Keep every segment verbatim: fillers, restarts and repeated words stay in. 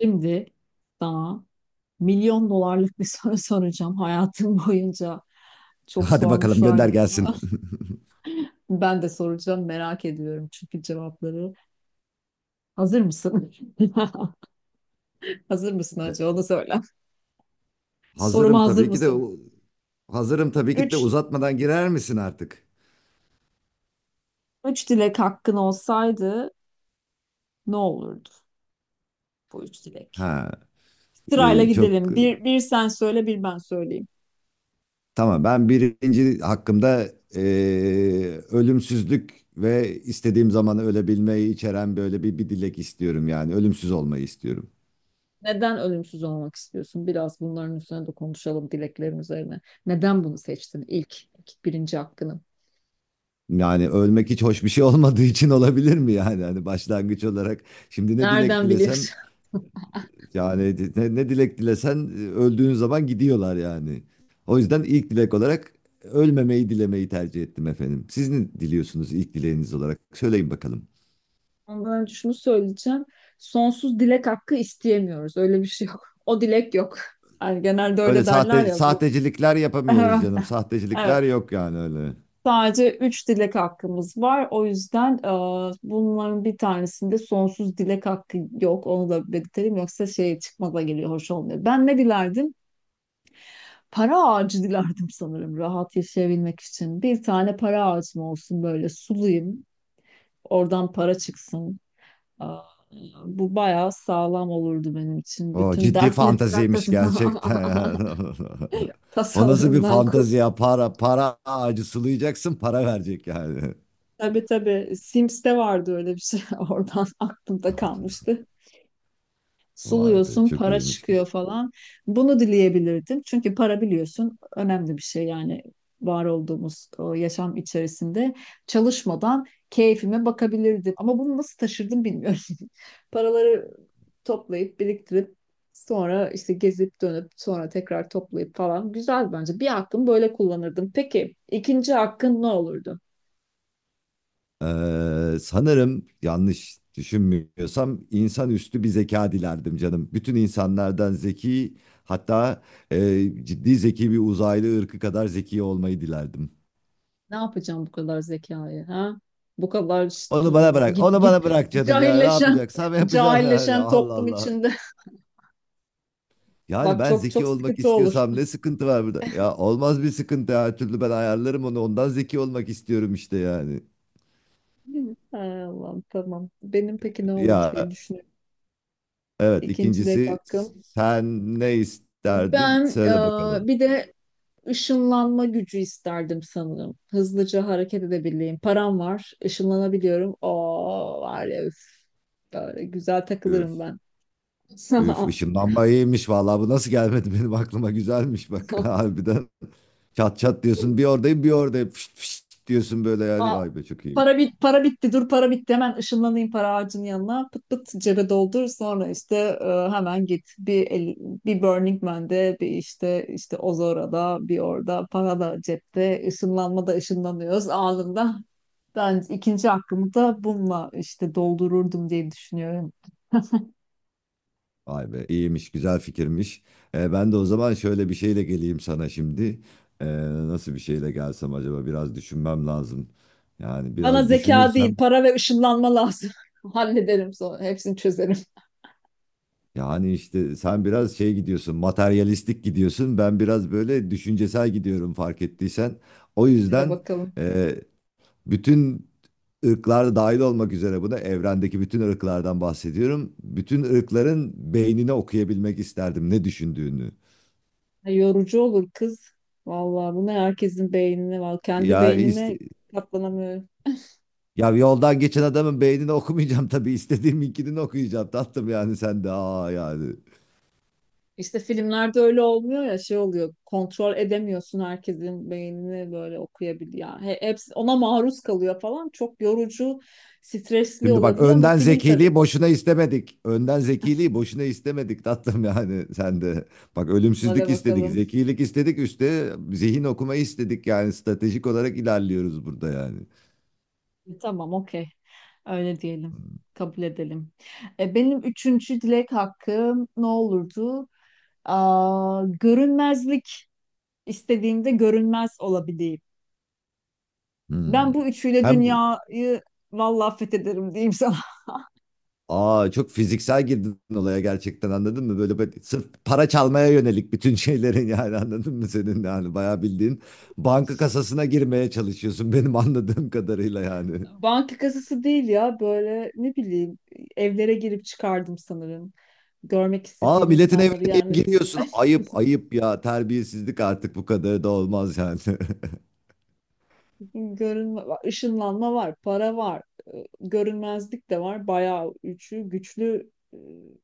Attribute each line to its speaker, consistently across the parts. Speaker 1: Şimdi sana milyon dolarlık bir soru soracağım. Hayatım boyunca çok
Speaker 2: Hadi bakalım gönder
Speaker 1: sormuşlardır bunu.
Speaker 2: gelsin.
Speaker 1: Ben de soracağım merak ediyorum çünkü cevapları. Hazır mısın? Hazır mısın
Speaker 2: E,
Speaker 1: acaba? Onu söyle. Soruma
Speaker 2: Hazırım
Speaker 1: hazır
Speaker 2: tabii ki de
Speaker 1: mısın?
Speaker 2: u- hazırım tabii ki de
Speaker 1: Üç,
Speaker 2: uzatmadan girer misin artık?
Speaker 1: üç dilek hakkın olsaydı ne olurdu bu üç dilek?
Speaker 2: Ha,
Speaker 1: Sırayla
Speaker 2: e, çok
Speaker 1: gidelim. Bir, bir sen söyle, bir ben söyleyeyim.
Speaker 2: tamam. Ben birinci hakkımda e, ölümsüzlük ve istediğim zaman ölebilmeyi içeren böyle bir, bir dilek istiyorum, yani ölümsüz olmayı istiyorum.
Speaker 1: Neden ölümsüz olmak istiyorsun? Biraz bunların üzerine de konuşalım dileklerin üzerine. Neden bunu seçtin ilk, ilk birinci hakkını?
Speaker 2: Yani ölmek hiç hoş bir şey olmadığı için olabilir mi yani? Hani başlangıç olarak şimdi ne dilek
Speaker 1: Nereden
Speaker 2: dilesen...
Speaker 1: biliyorsun?
Speaker 2: Yani ne, ne dilek dilesen, e, öldüğün zaman gidiyorlar yani. O yüzden ilk dilek olarak ölmemeyi dilemeyi tercih ettim, efendim. Siz ne diliyorsunuz ilk dileğiniz olarak? Söyleyin bakalım.
Speaker 1: Ondan önce şunu söyleyeceğim. Sonsuz dilek hakkı isteyemiyoruz. Öyle bir şey yok. O dilek yok. Yani genelde
Speaker 2: Öyle
Speaker 1: öyle derler
Speaker 2: sahte
Speaker 1: ya bu.
Speaker 2: sahtecilikler yapamıyoruz
Speaker 1: Evet.
Speaker 2: canım. Sahtecilikler
Speaker 1: Evet.
Speaker 2: yok yani, öyle.
Speaker 1: Sadece üç dilek hakkımız var. O yüzden e, bunların bir tanesinde sonsuz dilek hakkı yok. Onu da belirtelim. Yoksa şey çıkmaza geliyor. Hoş olmuyor. Ben ne dilerdim? Para ağacı dilerdim sanırım rahat yaşayabilmek için. Bir tane para ağacım olsun böyle sulayım. Oradan para çıksın. Aa, bu bayağı sağlam olurdu benim için.
Speaker 2: O
Speaker 1: Bütün
Speaker 2: ciddi
Speaker 1: dertlerin
Speaker 2: fantaziymiş
Speaker 1: arkasından
Speaker 2: gerçekten, ya. O nasıl bir
Speaker 1: tasalarımdan kur.
Speaker 2: fantazi ya? Para, para ağacı sulayacaksın, para verecek yani.
Speaker 1: Tabii tabii. Sims'te vardı öyle bir şey. Oradan aklımda kalmıştı.
Speaker 2: Vay be,
Speaker 1: Suluyorsun,
Speaker 2: çok
Speaker 1: para
Speaker 2: iyiymiş.
Speaker 1: çıkıyor falan. Bunu dileyebilirdim. Çünkü para biliyorsun önemli bir şey yani var olduğumuz o yaşam içerisinde çalışmadan keyfime bakabilirdim. Ama bunu nasıl taşırdım bilmiyorum. Paraları toplayıp biriktirip sonra işte gezip dönüp sonra tekrar toplayıp falan güzel bence. Bir hakkımı böyle kullanırdım. Peki ikinci hakkın ne olurdu?
Speaker 2: Ee, sanırım yanlış düşünmüyorsam insanüstü bir zeka dilerdim canım. Bütün insanlardan zeki, hatta e, ciddi zeki bir uzaylı ırkı kadar zeki olmayı dilerdim.
Speaker 1: Ne yapacağım bu kadar zekayı ha? Bu kadar ş-
Speaker 2: Onu bana bırak,
Speaker 1: git
Speaker 2: onu
Speaker 1: git
Speaker 2: bana bırak canım, ya ne
Speaker 1: cahilleşen
Speaker 2: yapacaksam yapacağım yani.
Speaker 1: cahilleşen
Speaker 2: Allah
Speaker 1: toplum
Speaker 2: Allah.
Speaker 1: içinde.
Speaker 2: Yani
Speaker 1: Bak
Speaker 2: ben
Speaker 1: çok
Speaker 2: zeki
Speaker 1: çok
Speaker 2: olmak
Speaker 1: sıkıntı olur.
Speaker 2: istiyorsam ne sıkıntı var burada? Ya olmaz, bir sıkıntı her türlü ben ayarlarım onu, ondan zeki olmak istiyorum işte yani.
Speaker 1: Değil mi? Hay Allah'ım tamam. Benim peki ne olur
Speaker 2: Ya,
Speaker 1: diye düşünüyorum.
Speaker 2: evet,
Speaker 1: İkinci de
Speaker 2: ikincisi,
Speaker 1: hakkım.
Speaker 2: sen ne isterdin?
Speaker 1: Ben
Speaker 2: Söyle
Speaker 1: e,
Speaker 2: bakalım.
Speaker 1: bir de ışınlanma gücü isterdim sanırım. Hızlıca hareket edebileyim. Param var, ışınlanabiliyorum. Oo var ya üf. Böyle güzel takılırım ben.
Speaker 2: Üf, ışınlanma iyiymiş vallahi, bu nasıl gelmedi benim aklıma, güzelmiş bak. Harbiden. Çat çat diyorsun, bir oradayım bir oradayım, fışt fışt diyorsun böyle yani,
Speaker 1: Aa,
Speaker 2: vay be çok iyiymiş.
Speaker 1: para bit para bitti dur para bitti hemen ışınlanayım para ağacının yanına pıt pıt cebe doldur sonra işte e, hemen git bir el- bir Burning Man'de bir işte işte Ozora'da bir orada para da cepte ışınlanma da ışınlanıyoruz anında ben ikinci hakkımı da bununla işte doldururdum diye düşünüyorum.
Speaker 2: Vay be, iyiymiş, güzel fikirmiş. Ee, ben de o zaman şöyle bir şeyle geleyim sana şimdi. Ee, Nasıl bir şeyle gelsem acaba, biraz düşünmem lazım. Yani
Speaker 1: Bana
Speaker 2: biraz
Speaker 1: zeka değil
Speaker 2: düşünürsem,
Speaker 1: para ve ışınlanma lazım hallederim sonra hepsini çözerim
Speaker 2: yani işte sen biraz şey gidiyorsun, materyalistik gidiyorsun, ben biraz böyle düşüncesel gidiyorum, fark ettiysen. O
Speaker 1: hele
Speaker 2: yüzden...
Speaker 1: bakalım.
Speaker 2: Ee, Bütün ırklarda dahil olmak üzere, buna evrendeki bütün ırklardan bahsediyorum. Bütün ırkların beynini okuyabilmek isterdim, ne düşündüğünü.
Speaker 1: Yorucu olur kız. Vallahi bunu herkesin beynine var. Kendi
Speaker 2: Ya ist-
Speaker 1: beynime katlanamıyorum.
Speaker 2: Ya yoldan geçen adamın beynini okumayacağım tabii, istediğim ikilini okuyacağım tatlım, yani sen de aa yani.
Speaker 1: İşte filmlerde öyle olmuyor ya şey oluyor. Kontrol edemiyorsun herkesin beynini böyle okuyabiliyor. Yani he- hepsi ona maruz kalıyor falan. Çok yorucu, stresli
Speaker 2: Şimdi bak,
Speaker 1: olabiliyor ama
Speaker 2: önden
Speaker 1: film tabii.
Speaker 2: zekiliği boşuna istemedik. Önden zekiliği boşuna istemedik tatlım, yani sen de. Bak,
Speaker 1: Hadi
Speaker 2: ölümsüzlük istedik,
Speaker 1: bakalım.
Speaker 2: zekilik istedik, üstte zihin okumayı istedik, yani stratejik olarak ilerliyoruz burada yani.
Speaker 1: E, Tamam, okey. Öyle diyelim. Kabul edelim. E, benim üçüncü dilek hakkım ne olurdu? Aa, görünmezlik istediğimde görünmez olabileyim.
Speaker 2: Hmm.
Speaker 1: Ben bu üçüyle
Speaker 2: Hem
Speaker 1: dünyayı vallahi fethederim diyeyim sana.
Speaker 2: aa Çok fiziksel girdin olaya gerçekten, anladın mı? Böyle, böyle sırf para çalmaya yönelik bütün şeylerin, yani anladın mı senin yani, bayağı bildiğin banka kasasına girmeye çalışıyorsun benim anladığım kadarıyla yani.
Speaker 1: Banka kasası değil ya böyle ne bileyim evlere girip çıkardım sanırım. Görmek
Speaker 2: Aa,
Speaker 1: istediğim
Speaker 2: milletin evine
Speaker 1: insanları
Speaker 2: niye
Speaker 1: yani.
Speaker 2: giriyorsun? Ayıp ayıp ya, terbiyesizlik artık bu kadar da olmaz yani.
Speaker 1: Görünme, ışınlanma var, para var, e, görünmezlik de var. Bayağı üçü güçlü e,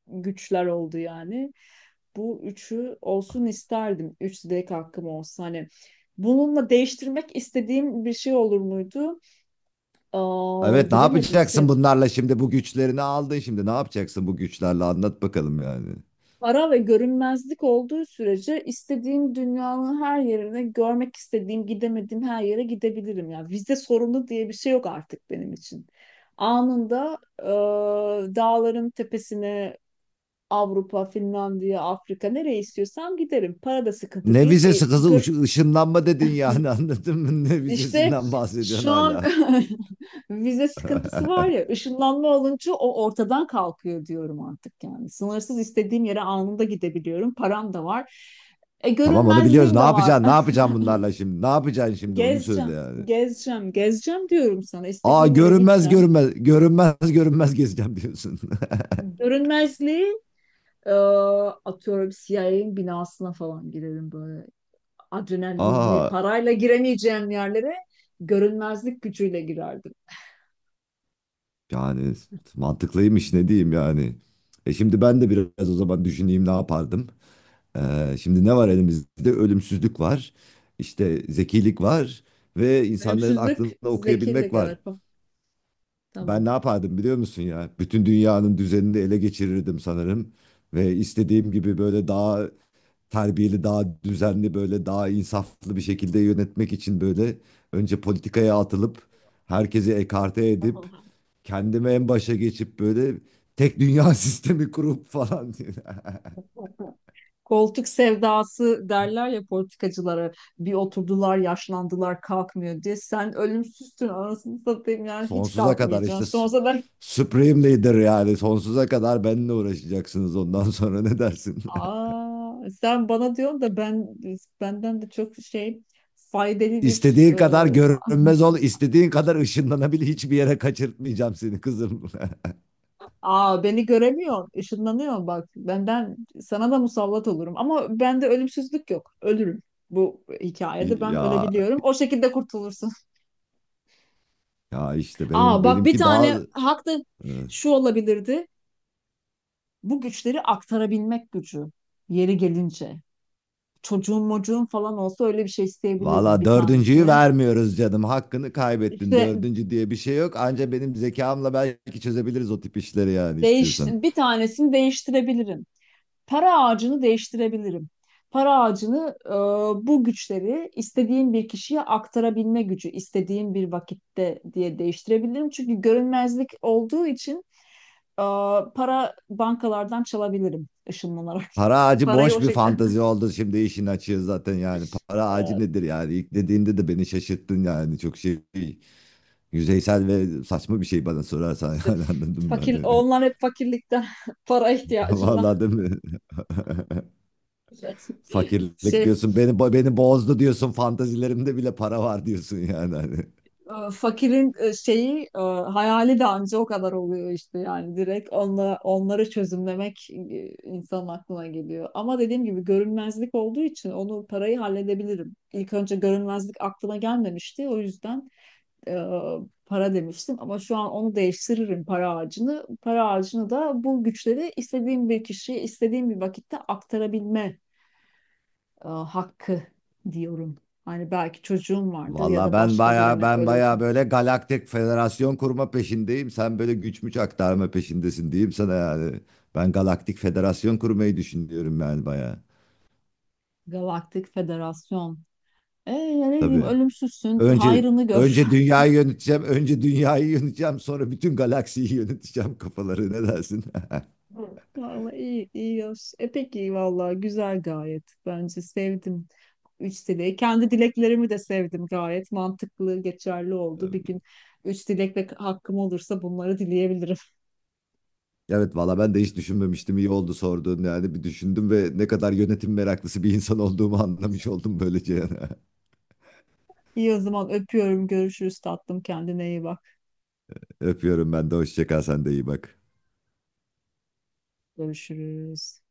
Speaker 1: güçler oldu yani. Bu üçü olsun isterdim. Üç dilek hakkım olsa hani. Bununla değiştirmek istediğim bir şey olur muydu? Aa,
Speaker 2: Evet, ne
Speaker 1: bilemedim. Sen,
Speaker 2: yapacaksın bunlarla şimdi, bu güçlerini aldın, şimdi ne yapacaksın bu güçlerle, anlat bakalım yani.
Speaker 1: Para ve görünmezlik olduğu sürece istediğim dünyanın her yerine, görmek istediğim, gidemediğim her yere gidebilirim. Yani vize sorunu diye bir şey yok artık benim için. Anında e, dağların tepesine Avrupa, Finlandiya, Afrika nereye istiyorsam giderim. Para da sıkıntı
Speaker 2: Ne
Speaker 1: değil. E,
Speaker 2: vizesi kızı Uş-
Speaker 1: gör-
Speaker 2: ışınlanma dedin yani, anladın mı? Ne
Speaker 1: işte
Speaker 2: vizesinden bahsediyorsun
Speaker 1: şu an
Speaker 2: hala.
Speaker 1: vize sıkıntısı var ya, ışınlanma olunca o ortadan kalkıyor diyorum artık yani. Sınırsız istediğim yere anında gidebiliyorum. Param da var. E,
Speaker 2: Tamam, onu biliyoruz.
Speaker 1: görünmezliğim
Speaker 2: Ne
Speaker 1: de var.
Speaker 2: yapacaksın? Ne yapacaksın bunlarla şimdi? Ne yapacaksın şimdi? Onu söyle
Speaker 1: Gezeceğim,
Speaker 2: yani.
Speaker 1: gezeceğim, gezeceğim diyorum sana.
Speaker 2: Aa,
Speaker 1: İstediğim yere
Speaker 2: görünmez
Speaker 1: gideceğim.
Speaker 2: görünmez görünmez görünmez gezeceğim diyorsun.
Speaker 1: Görünmezliği e, atıyorum C I A'nin binasına falan girerim böyle. Adrenalinli,
Speaker 2: Aa,
Speaker 1: parayla giremeyeceğim yerlere görünmezlik gücüyle girerdim.
Speaker 2: yani mantıklıymış, ne diyeyim yani. E şimdi ben de biraz o zaman düşüneyim ne yapardım. Ee, şimdi ne var elimizde? Ölümsüzlük var. İşte zekilik var ve insanların
Speaker 1: Ölümsüzlük
Speaker 2: aklını okuyabilmek
Speaker 1: zekirlik evet.
Speaker 2: var.
Speaker 1: O.
Speaker 2: Ben
Speaker 1: Tamam.
Speaker 2: ne yapardım biliyor musun ya? Bütün dünyanın düzenini ele geçirirdim sanırım ve istediğim gibi böyle daha terbiyeli, daha düzenli, böyle daha insaflı bir şekilde yönetmek için böyle önce politikaya atılıp, herkesi ekarte edip, kendimi en başa geçip böyle tek dünya sistemi kurup falan,
Speaker 1: Koltuk sevdası derler ya politikacılara bir oturdular yaşlandılar kalkmıyor diye. Sen ölümsüzsün anasını satayım yani hiç
Speaker 2: sonsuza kadar işte
Speaker 1: kalkmayacaksın.
Speaker 2: s-
Speaker 1: Sonsuza ben
Speaker 2: Supreme Leader yani sonsuza kadar benimle uğraşacaksınız, ondan sonra ne dersin?
Speaker 1: aa sen bana diyorsun da ben benden de çok şey faydalı bir
Speaker 2: İstediğin kadar
Speaker 1: ıı,
Speaker 2: görünmez ol, istediğin kadar ışınlanabil, hiçbir yere kaçırtmayacağım seni kızım.
Speaker 1: Aa beni göremiyorsun. Işınlanıyorsun bak. Benden sana da musallat olurum. Ama bende ölümsüzlük yok. Ölürüm. Bu hikayede ben
Speaker 2: Ya
Speaker 1: ölebiliyorum. O şekilde kurtulursun.
Speaker 2: ya işte
Speaker 1: Aa
Speaker 2: benim
Speaker 1: bak bir
Speaker 2: benimki daha...
Speaker 1: tane hak da şu olabilirdi. Bu güçleri aktarabilmek gücü. Yeri gelince. Çocuğun mocuğun falan olsa öyle bir şey isteyebilirdim
Speaker 2: Valla
Speaker 1: bir
Speaker 2: dördüncüyü
Speaker 1: tanesini.
Speaker 2: vermiyoruz canım. Hakkını kaybettin.
Speaker 1: İşte
Speaker 2: Dördüncü diye bir şey yok. Anca benim zekamla belki çözebiliriz o tip işleri, yani
Speaker 1: değiş,
Speaker 2: istiyorsan.
Speaker 1: bir tanesini değiştirebilirim. Para ağacını değiştirebilirim. Para ağacını e, bu güçleri istediğim bir kişiye aktarabilme gücü, istediğim bir vakitte diye değiştirebilirim. Çünkü görünmezlik olduğu için e, para bankalardan çalabilirim ışınlanarak.
Speaker 2: Para ağacı
Speaker 1: Parayı
Speaker 2: boş
Speaker 1: o
Speaker 2: bir
Speaker 1: şekilde
Speaker 2: fantazi oldu, şimdi işin açığı zaten yani. Para ağacı
Speaker 1: e,
Speaker 2: nedir yani? İlk dediğinde de beni şaşırttın yani. Çok şey yüzeysel ve saçma bir şey, bana sorarsan.
Speaker 1: işte
Speaker 2: Yani anladın mı?
Speaker 1: fakir
Speaker 2: Hani...
Speaker 1: onlar hep fakirlikten para ihtiyacından
Speaker 2: Valla değil mi? Fakirlik
Speaker 1: şey
Speaker 2: diyorsun, Beni, beni bozdu diyorsun, fantazilerimde bile para var diyorsun yani, hani.
Speaker 1: e, fakirin e, şeyi e, hayali de anca o kadar oluyor işte yani direkt onla, onları çözümlemek e, insanın aklına geliyor. Ama dediğim gibi görünmezlik olduğu için onu parayı halledebilirim. İlk önce görünmezlik aklıma gelmemişti o yüzden e, para demiştim ama şu an onu değiştiririm para ağacını. Para ağacını da bu güçleri istediğim bir kişiye istediğim bir vakitte aktarabilme e, hakkı diyorum. Hani belki çocuğum vardır ya
Speaker 2: Valla,
Speaker 1: da
Speaker 2: ben
Speaker 1: başka
Speaker 2: baya
Speaker 1: birine
Speaker 2: ben
Speaker 1: ölür.
Speaker 2: baya böyle galaktik federasyon kurma peşindeyim, sen böyle güç müç aktarma peşindesin diyeyim sana yani. Ben galaktik federasyon kurmayı düşünüyorum yani baya.
Speaker 1: Galaktik Federasyon. E ya ne diyeyim
Speaker 2: Tabii.
Speaker 1: ölümsüzsün
Speaker 2: Önce
Speaker 1: hayrını gör.
Speaker 2: önce dünyayı yöneteceğim, önce dünyayı yöneteceğim, sonra bütün galaksiyi yöneteceğim kafaları, ne dersin?
Speaker 1: Hı. Vallahi iyi, iyi yaş. E peki vallahi güzel gayet. Bence sevdim. Üç dileği. Kendi dileklerimi de sevdim gayet. Mantıklı, geçerli oldu. Bir gün üç dilek ve hakkım olursa bunları dileyebilirim.
Speaker 2: Evet valla, ben de hiç düşünmemiştim. İyi oldu sorduğun, yani bir düşündüm ve ne kadar yönetim meraklısı bir insan olduğumu anlamış oldum böylece.
Speaker 1: İyi o zaman öpüyorum. Görüşürüz tatlım. Kendine iyi bak.
Speaker 2: Öpüyorum ben de, hoşça kal, sen de iyi bak.
Speaker 1: Görüşürüz.